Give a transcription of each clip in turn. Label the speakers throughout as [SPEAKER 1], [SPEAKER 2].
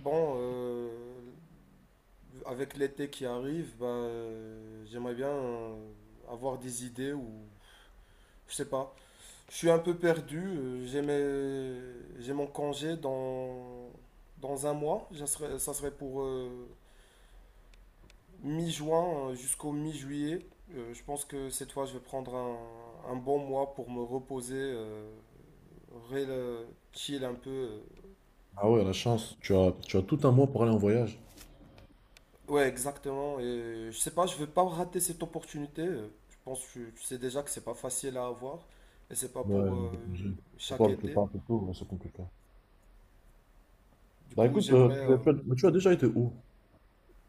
[SPEAKER 1] Bon, avec l'été qui arrive, bah, j'aimerais bien avoir des idées ou je sais pas. Je suis un peu perdu. J'ai mon congé dans un mois. Ça serait pour mi-juin jusqu'au mi-juillet. Je pense que cette fois, je vais prendre un bon mois pour me reposer, rela- chill un peu.
[SPEAKER 2] Ah ouais, la chance. Tu as tout un mois pour aller en voyage.
[SPEAKER 1] Ouais, exactement. Et je sais pas, je veux pas rater cette opportunité. Je pense que tu sais déjà que c'est pas facile à avoir et c'est pas
[SPEAKER 2] Ouais,
[SPEAKER 1] pour
[SPEAKER 2] de congé. Surtout
[SPEAKER 1] chaque
[SPEAKER 2] avec le
[SPEAKER 1] été.
[SPEAKER 2] temps un peu tôt, ouais, c'est compliqué.
[SPEAKER 1] Du
[SPEAKER 2] Bah
[SPEAKER 1] coup,
[SPEAKER 2] écoute,
[SPEAKER 1] j'aimerais.
[SPEAKER 2] tu as,
[SPEAKER 1] euh,
[SPEAKER 2] tu as déjà été où?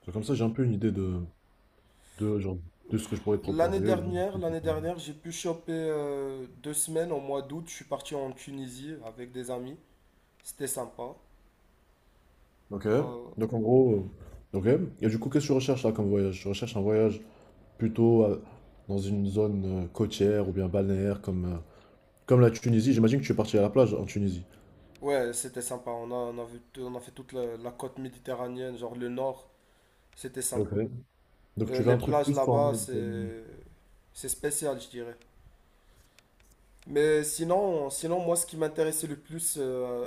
[SPEAKER 2] C'est comme ça, j'ai un peu une idée de, genre, de ce que je pourrais te
[SPEAKER 1] L'année
[SPEAKER 2] proposer, ou bien de
[SPEAKER 1] dernière,
[SPEAKER 2] ce que je
[SPEAKER 1] l'année
[SPEAKER 2] pourrais-
[SPEAKER 1] dernière, j'ai pu choper 2 semaines au mois d'août. Je suis parti en Tunisie avec des amis. C'était sympa.
[SPEAKER 2] Ok,
[SPEAKER 1] Euh,
[SPEAKER 2] donc en gros, ok. Et du coup, qu'est-ce que tu recherches là comme voyage? Tu recherches un voyage plutôt dans une zone côtière ou bien balnéaire comme, comme la Tunisie. J'imagine que tu es parti à la plage en Tunisie.
[SPEAKER 1] ouais, c'était sympa. On a fait toute la côte méditerranéenne, genre le nord. C'était
[SPEAKER 2] Ok.
[SPEAKER 1] sympa.
[SPEAKER 2] Donc tu veux
[SPEAKER 1] Les
[SPEAKER 2] un truc
[SPEAKER 1] plages
[SPEAKER 2] plus en
[SPEAKER 1] là-bas,
[SPEAKER 2] mode,
[SPEAKER 1] c'est spécial, je dirais. Mais sinon, moi, ce qui m'intéressait le plus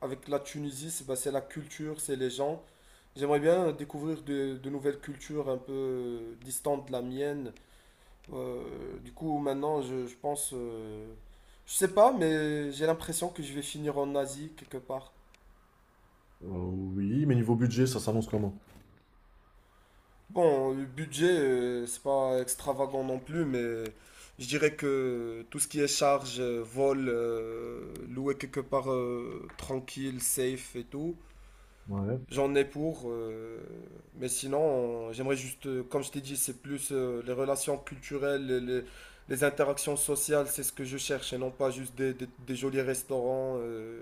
[SPEAKER 1] avec la Tunisie, c'est bah, c'est la culture, c'est les gens. J'aimerais bien découvrir de nouvelles cultures un peu distantes de la mienne. Du coup, maintenant, je pense, je sais pas, mais j'ai l'impression que je vais finir en Asie quelque part.
[SPEAKER 2] oui, mais niveau budget, ça s'annonce comment?
[SPEAKER 1] Bon, le budget, c'est pas extravagant non plus, mais je dirais que tout ce qui est charge, vol, louer quelque part tranquille, safe et tout.
[SPEAKER 2] Ouais.
[SPEAKER 1] J'en ai pour, mais sinon, j'aimerais juste, comme je t'ai dit, c'est plus les relations culturelles, les interactions sociales, c'est ce que je cherche, et non pas juste des jolis restaurants.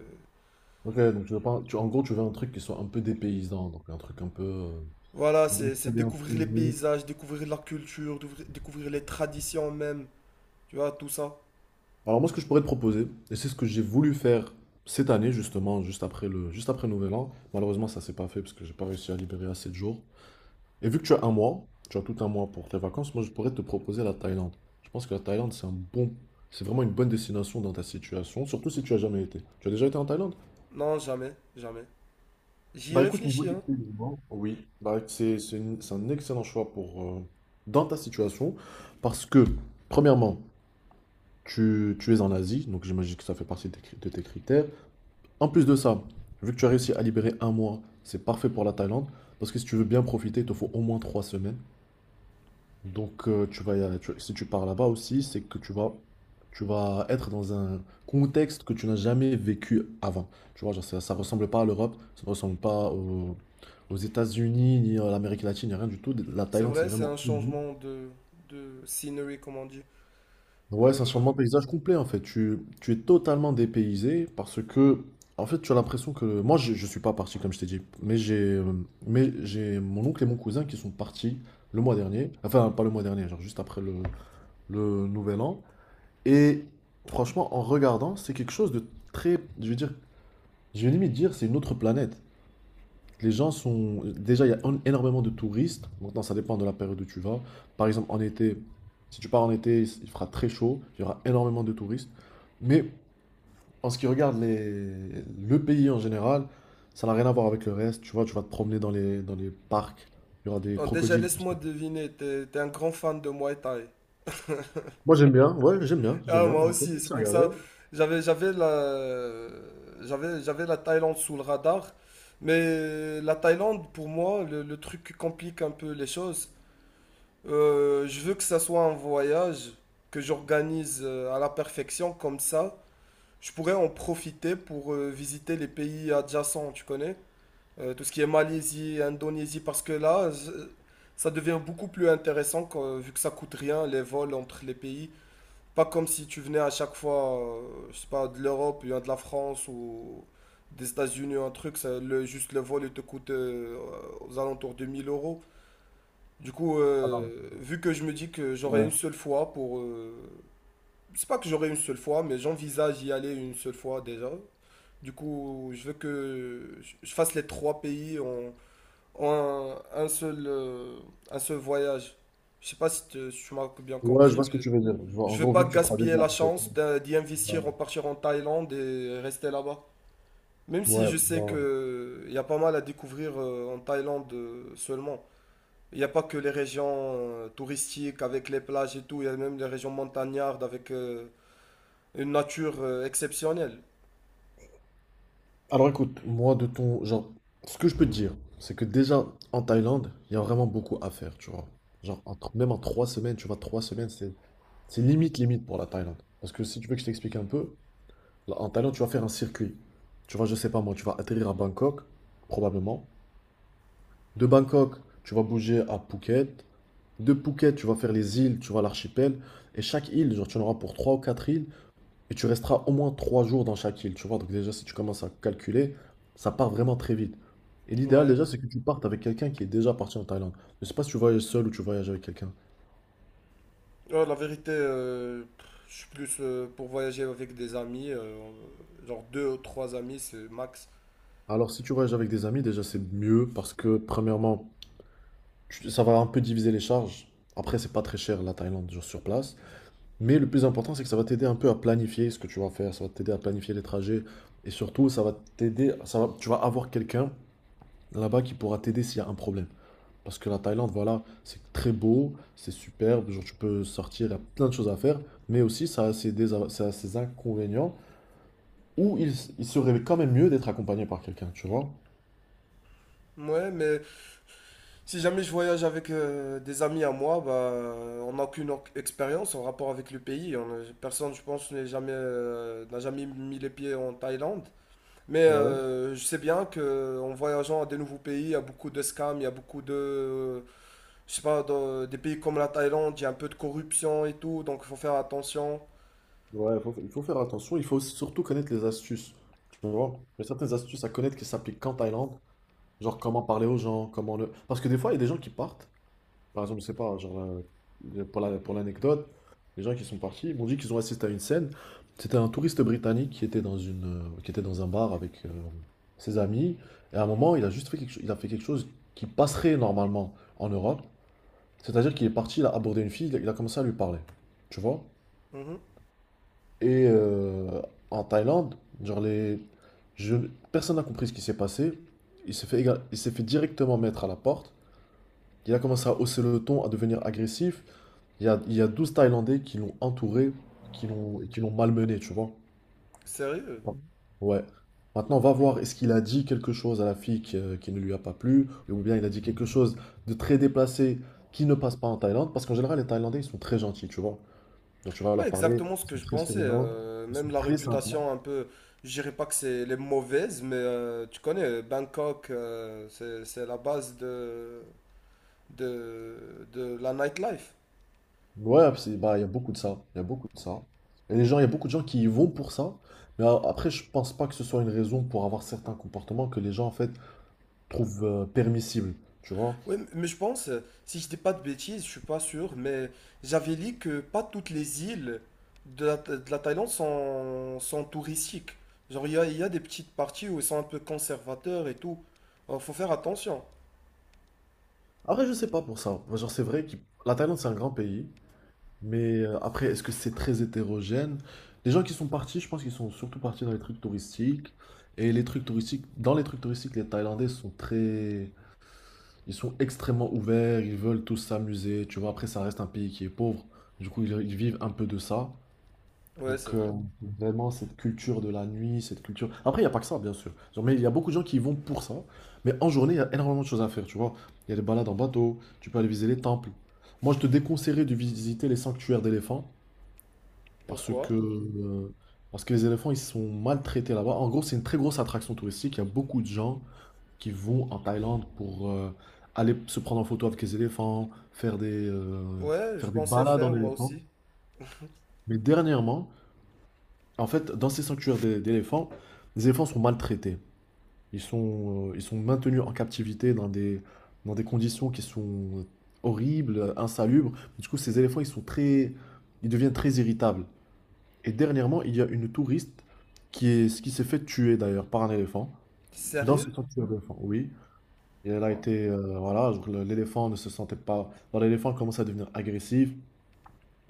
[SPEAKER 2] Ok, donc tu veux pas, tu, en gros, tu veux un truc qui soit un peu dépaysant, donc un truc un peu.
[SPEAKER 1] Voilà,
[SPEAKER 2] On va dire
[SPEAKER 1] c'est
[SPEAKER 2] que ça
[SPEAKER 1] c'est
[SPEAKER 2] vient un peu
[SPEAKER 1] découvrir les
[SPEAKER 2] unique.
[SPEAKER 1] paysages, découvrir la culture, découvrir les traditions même, tu vois, tout ça.
[SPEAKER 2] Alors moi, ce que je pourrais te proposer, et c'est ce que j'ai voulu faire cette année justement, juste après le Nouvel An. Malheureusement, ça s'est pas fait parce que j'ai pas réussi à libérer assez de jours. Et vu que tu as un mois, tu as tout un mois pour tes vacances, moi, je pourrais te proposer la Thaïlande. Je pense que la Thaïlande, c'est un bon, c'est vraiment une bonne destination dans ta situation, surtout si tu as jamais été. Tu as déjà été en Thaïlande?
[SPEAKER 1] Non, jamais, jamais. J'y ai
[SPEAKER 2] Bah écoute, niveau
[SPEAKER 1] réfléchi,
[SPEAKER 2] des
[SPEAKER 1] hein.
[SPEAKER 2] paiements, oui, bah, c'est une- c'est un excellent choix pour, dans ta situation, parce que, premièrement, tu es en Asie, donc j'imagine que ça fait partie de tes, cri- de tes critères. En plus de ça, vu que tu as réussi à libérer un mois, c'est parfait pour la Thaïlande, parce que si tu veux bien profiter, il te faut au moins trois semaines. Donc, tu vas, y aller- tu- si tu pars là-bas aussi, c'est que tu vas être dans un contexte que tu n'as jamais vécu avant. Tu vois, genre, ça ressemble pas à l'Europe, ça ne ressemble pas au- aux États-Unis, ni à l'Amérique latine, ni rien du tout. La
[SPEAKER 1] C'est
[SPEAKER 2] Thaïlande, c'est
[SPEAKER 1] vrai, c'est
[SPEAKER 2] vraiment...
[SPEAKER 1] un
[SPEAKER 2] Mhm.
[SPEAKER 1] changement de scenery, comme on dit.
[SPEAKER 2] Ouais, c'est un
[SPEAKER 1] Euh,
[SPEAKER 2] changement de paysage complet, en fait. Tu es totalement dépaysé parce que, en fait, tu as l'impression que... Moi, je ne suis pas parti, comme je t'ai dit, mais j'ai mon oncle et mon cousin qui sont partis le mois dernier. Enfin, pas le mois dernier, genre juste après le Nouvel An. Et franchement, en regardant, c'est quelque chose de très, je veux dire, je vais limite dire, c'est une autre planète. Les gens sont, déjà, il y a en- énormément de touristes. Maintenant, ça dépend de la période où tu vas. Par exemple, en été, si tu pars en été, il fera très chaud, il y aura énormément de touristes. Mais en ce qui regarde les- le pays en général, ça n'a rien à voir avec le reste. Tu vois, tu vas te promener dans les parcs, il y aura des
[SPEAKER 1] bon, déjà,
[SPEAKER 2] crocodiles.
[SPEAKER 1] laisse-moi deviner, t'es un grand fan de Muay Thai.
[SPEAKER 2] Moi, j'aime bien, ouais, j'aime bien, j'aime
[SPEAKER 1] Ah,
[SPEAKER 2] bien.
[SPEAKER 1] moi
[SPEAKER 2] J'ai
[SPEAKER 1] aussi, c'est
[SPEAKER 2] commencé à
[SPEAKER 1] pour
[SPEAKER 2] regarder.
[SPEAKER 1] ça. J'avais, j'avais la, j'avais la Thaïlande sous le radar. Mais la Thaïlande, pour moi, le truc qui complique un peu les choses, je veux que ça soit un voyage que j'organise à la perfection, comme ça, je pourrais en profiter pour visiter les pays adjacents, tu connais? Tout ce qui est Malaisie, Indonésie, parce que là, ça devient beaucoup plus intéressant vu que ça coûte rien, les vols entre les pays. Pas comme si tu venais à chaque fois, je sais pas, de l'Europe, ou de la France ou des États-Unis, un truc, juste le vol, il te coûte aux alentours de 1000 euros. Du coup,
[SPEAKER 2] Alors,
[SPEAKER 1] vu que je me dis que j'aurai une
[SPEAKER 2] ouais.
[SPEAKER 1] seule fois pour. C'est pas que j'aurai une seule fois, mais j'envisage y aller une seule fois déjà. Du coup, je veux que je fasse les trois pays en un, un seul, euh, un seul voyage. Je sais pas si tu m'as bien
[SPEAKER 2] Ouais, je
[SPEAKER 1] compris,
[SPEAKER 2] vois ce que
[SPEAKER 1] mais.
[SPEAKER 2] tu veux dire. Je vois, en
[SPEAKER 1] Je vais
[SPEAKER 2] gros,
[SPEAKER 1] pas
[SPEAKER 2] vu que tu feras
[SPEAKER 1] gaspiller
[SPEAKER 2] déjà.
[SPEAKER 1] la chance d'y
[SPEAKER 2] Ouais,
[SPEAKER 1] investir, en partir en Thaïlande et rester là-bas. Même si
[SPEAKER 2] ouais,
[SPEAKER 1] je sais
[SPEAKER 2] bah.
[SPEAKER 1] que il y a pas mal à découvrir en Thaïlande seulement. Il n'y a pas que les régions touristiques avec les plages et tout, il y a même les régions montagnardes avec une nature exceptionnelle.
[SPEAKER 2] Alors écoute, moi de ton genre, ce que je peux te dire, c'est que déjà en Thaïlande, il y a vraiment beaucoup à faire, tu vois. Genre, en tr- même en trois semaines, tu vois, trois semaines, c'est limite limite pour la Thaïlande. Parce que si tu veux que je t'explique un peu, là, en Thaïlande, tu vas faire un circuit. Tu vois, je sais pas moi, tu vas atterrir à Bangkok, probablement. De Bangkok, tu vas bouger à Phuket. De Phuket, tu vas faire les îles, tu vois, l'archipel. Et chaque île, genre, tu en auras pour trois ou quatre îles. Et tu resteras au moins trois jours dans chaque île, tu vois. Donc déjà, si tu commences à calculer, ça part vraiment très vite. Et l'idéal
[SPEAKER 1] Ouais.
[SPEAKER 2] déjà, c'est que tu partes avec quelqu'un qui est déjà parti en Thaïlande. Je sais pas si tu voyages seul ou tu voyages avec quelqu'un.
[SPEAKER 1] Ouais, la vérité, je suis plus pour voyager avec des amis, genre deux ou trois amis, c'est max.
[SPEAKER 2] Alors si tu voyages avec des amis, déjà c'est mieux parce que premièrement, tu- ça va un peu diviser les charges. Après, c'est pas très cher la Thaïlande genre, sur place. Mais le plus important, c'est que ça va t'aider un peu à planifier ce que tu vas faire. Ça va t'aider à planifier les trajets. Et surtout, ça va t'aider, ça va, tu vas avoir quelqu'un là-bas qui pourra t'aider s'il y a un problème. Parce que la Thaïlande, voilà, c'est très beau, c'est superbe, genre tu peux sortir, il y a plein de choses à faire, mais aussi ça a ses, désa- ça a ses inconvénients où il, s- il serait quand même mieux d'être accompagné par quelqu'un, tu vois?
[SPEAKER 1] Ouais, mais si jamais je voyage avec des amis à moi, bah, on n'a aucune expérience en rapport avec le pays. On n'a- Personne, je pense, n'a jamais mis les pieds en Thaïlande. Mais
[SPEAKER 2] Ouais,
[SPEAKER 1] je sais bien que en voyageant à des nouveaux pays, il y a beaucoup de scams, il y a beaucoup de, je sais pas, dans des pays comme la Thaïlande, il y a un peu de corruption et tout, donc il faut faire attention.
[SPEAKER 2] ouais, faut- il faut faire attention, il faut surtout connaître les astuces, tu vois? Il y a certaines astuces à connaître qui s'appliquent qu'en Thaïlande, genre comment parler aux gens, comment le... Parce que des fois, il y a des gens qui partent. Par exemple, je sais pas, hein, genre, pour la- pour l'anecdote, les gens qui sont partis m'ont dit qu'ils ont assisté à une scène. C'était un touriste britannique qui était dans une, qui était dans un bar avec ses amis. Et à un moment, il a juste fait quelque, cho- il a fait quelque chose qui passerait normalement en Europe. C'est-à-dire qu'il est parti, il a abordé une fille, il a commencé à lui parler. Tu vois?
[SPEAKER 1] Mhm.
[SPEAKER 2] Et euh, En Thaïlande, genre les, je- personne n'a compris ce qui s'est passé. Il s'est fait, éga- il s'est fait directement mettre à la porte. Il a commencé à hausser le ton, à devenir agressif. Il y a 12 Thaïlandais qui l'ont entouré, qui l'ont, et qui l'ont malmené, tu vois.
[SPEAKER 1] Sérieux?
[SPEAKER 2] Bon, ouais. Maintenant, va voir, est-ce qu'il a dit quelque chose à la fille qui ne lui a pas plu, ou bien il a dit quelque chose de très déplacé qui ne passe pas en Thaïlande, parce qu'en général, les Thaïlandais, ils sont très gentils, tu vois. Donc, tu vas
[SPEAKER 1] Ouais,
[SPEAKER 2] leur parler,
[SPEAKER 1] exactement ce
[SPEAKER 2] ils
[SPEAKER 1] que
[SPEAKER 2] sont
[SPEAKER 1] je
[SPEAKER 2] très
[SPEAKER 1] pensais.
[SPEAKER 2] souriants, ils sont
[SPEAKER 1] Même la
[SPEAKER 2] très sympas.
[SPEAKER 1] réputation un peu, je dirais pas que c'est les mauvaises, mais tu connais Bangkok, c'est la base de la nightlife.
[SPEAKER 2] Ouais, c'est- bah, il y a beaucoup de ça, il y a beaucoup de ça. Et les gens, il y a beaucoup de gens qui y vont pour ça, mais après, je pense pas que ce soit une raison pour avoir certains comportements que les gens, en fait, trouvent permissibles, tu vois.
[SPEAKER 1] Oui, mais je pense, si je dis pas de bêtises, je suis pas sûr, mais j'avais lu que pas toutes les îles de la Thaïlande sont touristiques. Genre, il y a des petites parties où ils sont un peu conservateurs et tout. Alors, faut faire attention.
[SPEAKER 2] Après, je sais pas pour ça. Moi, genre, c'est vrai que la Thaïlande, c'est un grand pays. Mais après, est-ce que c'est très hétérogène? Les gens qui sont partis, je pense qu'ils sont surtout partis dans les trucs touristiques. Et les trucs touristiques, dans les trucs touristiques, les Thaïlandais sont très. Ils sont extrêmement ouverts, ils veulent tous s'amuser. Tu vois, après, ça reste un pays qui est pauvre. Du coup, ils vivent un peu de ça.
[SPEAKER 1] Ouais, c'est
[SPEAKER 2] Donc
[SPEAKER 1] vrai.
[SPEAKER 2] euh, Vraiment cette culture de la nuit, cette culture... Après, il n'y a pas que ça, bien sûr. Genre, mais il y a beaucoup de gens qui y vont pour ça. Mais en journée, il y a énormément de choses à faire, tu vois. Il y a des balades en bateau, tu peux aller visiter les temples. Moi, je te déconseillerais de visiter les sanctuaires d'éléphants parce
[SPEAKER 1] Pourquoi?
[SPEAKER 2] que, euh, parce que les éléphants, ils sont maltraités là-bas. En gros, c'est une très grosse attraction touristique. Il y a beaucoup de gens qui vont en Thaïlande pour aller se prendre en photo avec les éléphants,
[SPEAKER 1] Ouais, je
[SPEAKER 2] faire des
[SPEAKER 1] pensais
[SPEAKER 2] balades
[SPEAKER 1] faire
[SPEAKER 2] en
[SPEAKER 1] moi
[SPEAKER 2] éléphant.
[SPEAKER 1] aussi.
[SPEAKER 2] Mais dernièrement, en fait, dans ces sanctuaires d'é- d'éléphants, les éléphants sont maltraités. Ils sont maintenus en captivité dans des conditions qui sont horribles, insalubres. Du coup, ces éléphants, ils sont très, ils deviennent très irritables. Et dernièrement, il y a une touriste qui est, qui s'est fait tuer d'ailleurs par un éléphant dans ce
[SPEAKER 1] Sérieux?
[SPEAKER 2] sanctuaire d'éléphants. Oui, et elle a
[SPEAKER 1] Ouais.
[SPEAKER 2] été, voilà, genre, le- l'éléphant ne se sentait pas. Alors, l'éléphant commence à devenir agressif.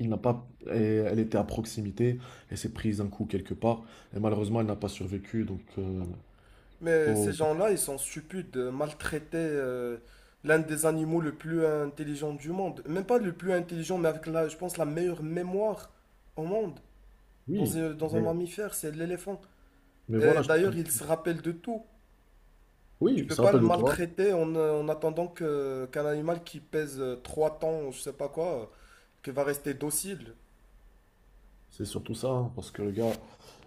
[SPEAKER 2] Il n'a pas, et elle était à proximité, elle s'est prise un coup quelque part, et malheureusement elle n'a pas survécu, donc
[SPEAKER 1] Mais ces
[SPEAKER 2] faut-
[SPEAKER 1] gens-là, ils sont stupides de maltraiter l'un des animaux le plus intelligent du monde. Même pas le plus intelligent, mais avec la, je pense, la meilleure mémoire au monde. Dans
[SPEAKER 2] oui,
[SPEAKER 1] un, dans un
[SPEAKER 2] mais,
[SPEAKER 1] mammifère, c'est l'éléphant.
[SPEAKER 2] mais
[SPEAKER 1] Et
[SPEAKER 2] voilà, je-
[SPEAKER 1] d'ailleurs,
[SPEAKER 2] comme-
[SPEAKER 1] il se rappelle de tout. Tu
[SPEAKER 2] oui, il
[SPEAKER 1] peux
[SPEAKER 2] se
[SPEAKER 1] pas le
[SPEAKER 2] rappelle de toi,
[SPEAKER 1] maltraiter en attendant qu'un animal qui pèse 3 tonnes, ou je sais pas quoi, qui va rester docile.
[SPEAKER 2] c'est surtout ça, hein, parce que le gars,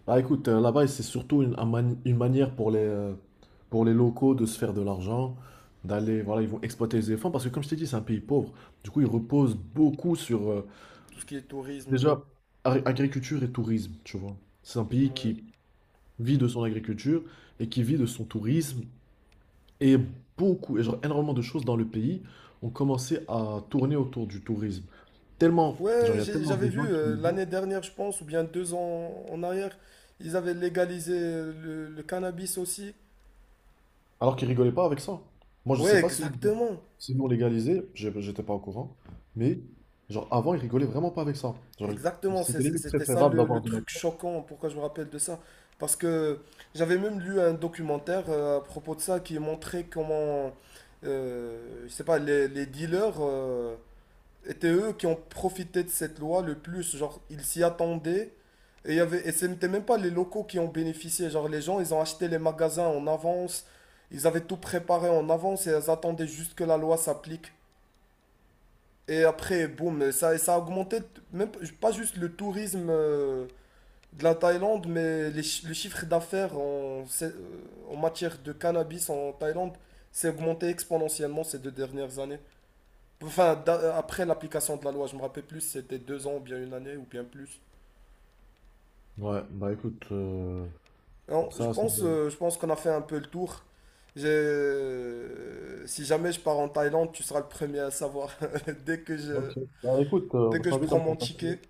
[SPEAKER 2] bah écoute, là-bas c'est surtout une, un mani- une manière pour les locaux de se faire de l'argent, d'aller, voilà, ils vont exploiter les éléphants, parce que comme je t'ai dit, c'est un pays pauvre, du coup ils reposent beaucoup sur,
[SPEAKER 1] Tout ce qui est tourisme.
[SPEAKER 2] déjà, ar- agriculture et tourisme, tu vois, c'est un pays
[SPEAKER 1] Ouais.
[SPEAKER 2] qui vit de son agriculture, et qui vit de son tourisme, et beaucoup, et genre énormément de choses dans le pays ont commencé à tourner autour du tourisme. Tellement,
[SPEAKER 1] Ouais,
[SPEAKER 2] genre, il y a tellement
[SPEAKER 1] j'avais
[SPEAKER 2] de
[SPEAKER 1] vu
[SPEAKER 2] gens qui y vont,
[SPEAKER 1] l'année dernière, je pense, ou bien 2 ans en arrière, ils avaient légalisé le cannabis aussi.
[SPEAKER 2] alors qu'ils rigolaient pas avec ça. Moi, je
[SPEAKER 1] Ouais,
[SPEAKER 2] sais pas s'ils l'ont
[SPEAKER 1] exactement.
[SPEAKER 2] s'ils l'ont légalisé, j'ai- j'étais pas au courant, mais genre avant, ils rigolaient vraiment pas avec ça. Genre,
[SPEAKER 1] Exactement,
[SPEAKER 2] c'était limite
[SPEAKER 1] c'était ça
[SPEAKER 2] préférable
[SPEAKER 1] le,
[SPEAKER 2] d'avoir
[SPEAKER 1] le
[SPEAKER 2] de la
[SPEAKER 1] truc
[SPEAKER 2] coke.
[SPEAKER 1] choquant, pourquoi je me rappelle de ça. Parce que j'avais même lu un documentaire à propos de ça qui montrait comment, euh, je sais pas, les dealers, étaient eux qui ont profité de cette loi le plus. Genre, ils s'y attendaient. Et ce n'étaient même pas les locaux qui ont bénéficié. Genre, les gens, ils ont acheté les magasins en avance. Ils avaient tout préparé en avance et ils attendaient juste que la loi s'applique. Et après, boum, ça a augmenté, même pas juste le tourisme de la Thaïlande, mais le chiffre d'affaires en matière de cannabis en Thaïlande s'est augmenté exponentiellement ces 2 dernières années. Enfin, après l'application de la loi, je me rappelle plus, si c'était 2 ans, ou bien 1 année, ou bien plus.
[SPEAKER 2] Ouais, bah écoute,
[SPEAKER 1] Non,
[SPEAKER 2] pour
[SPEAKER 1] je
[SPEAKER 2] ça, c'est
[SPEAKER 1] pense,
[SPEAKER 2] vrai.
[SPEAKER 1] euh, je pense qu'on a fait un peu le tour. Si jamais je pars en Thaïlande, tu seras le premier à savoir. Dès que je,
[SPEAKER 2] Ok, bah écoute,
[SPEAKER 1] dès
[SPEAKER 2] je
[SPEAKER 1] que je
[SPEAKER 2] t'invite à
[SPEAKER 1] prends
[SPEAKER 2] me
[SPEAKER 1] mon
[SPEAKER 2] contacter.
[SPEAKER 1] ticket.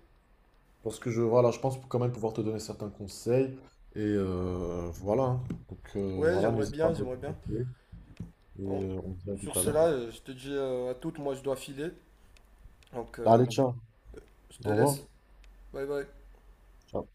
[SPEAKER 2] Parce que je, voilà, je pense quand même pouvoir te donner certains conseils. Voilà, hein. Donc
[SPEAKER 1] Ouais,
[SPEAKER 2] voilà,
[SPEAKER 1] j'aimerais
[SPEAKER 2] n'hésite pas à
[SPEAKER 1] bien,
[SPEAKER 2] me
[SPEAKER 1] j'aimerais bien.
[SPEAKER 2] contacter.
[SPEAKER 1] Bon,
[SPEAKER 2] On se dit à tout
[SPEAKER 1] sur
[SPEAKER 2] à l'heure,
[SPEAKER 1] cela,
[SPEAKER 2] du coup.
[SPEAKER 1] je te dis à toutes, moi je dois filer. Donc,
[SPEAKER 2] Allez, ciao.
[SPEAKER 1] je te
[SPEAKER 2] Au revoir.
[SPEAKER 1] laisse. Bye bye.
[SPEAKER 2] Ciao.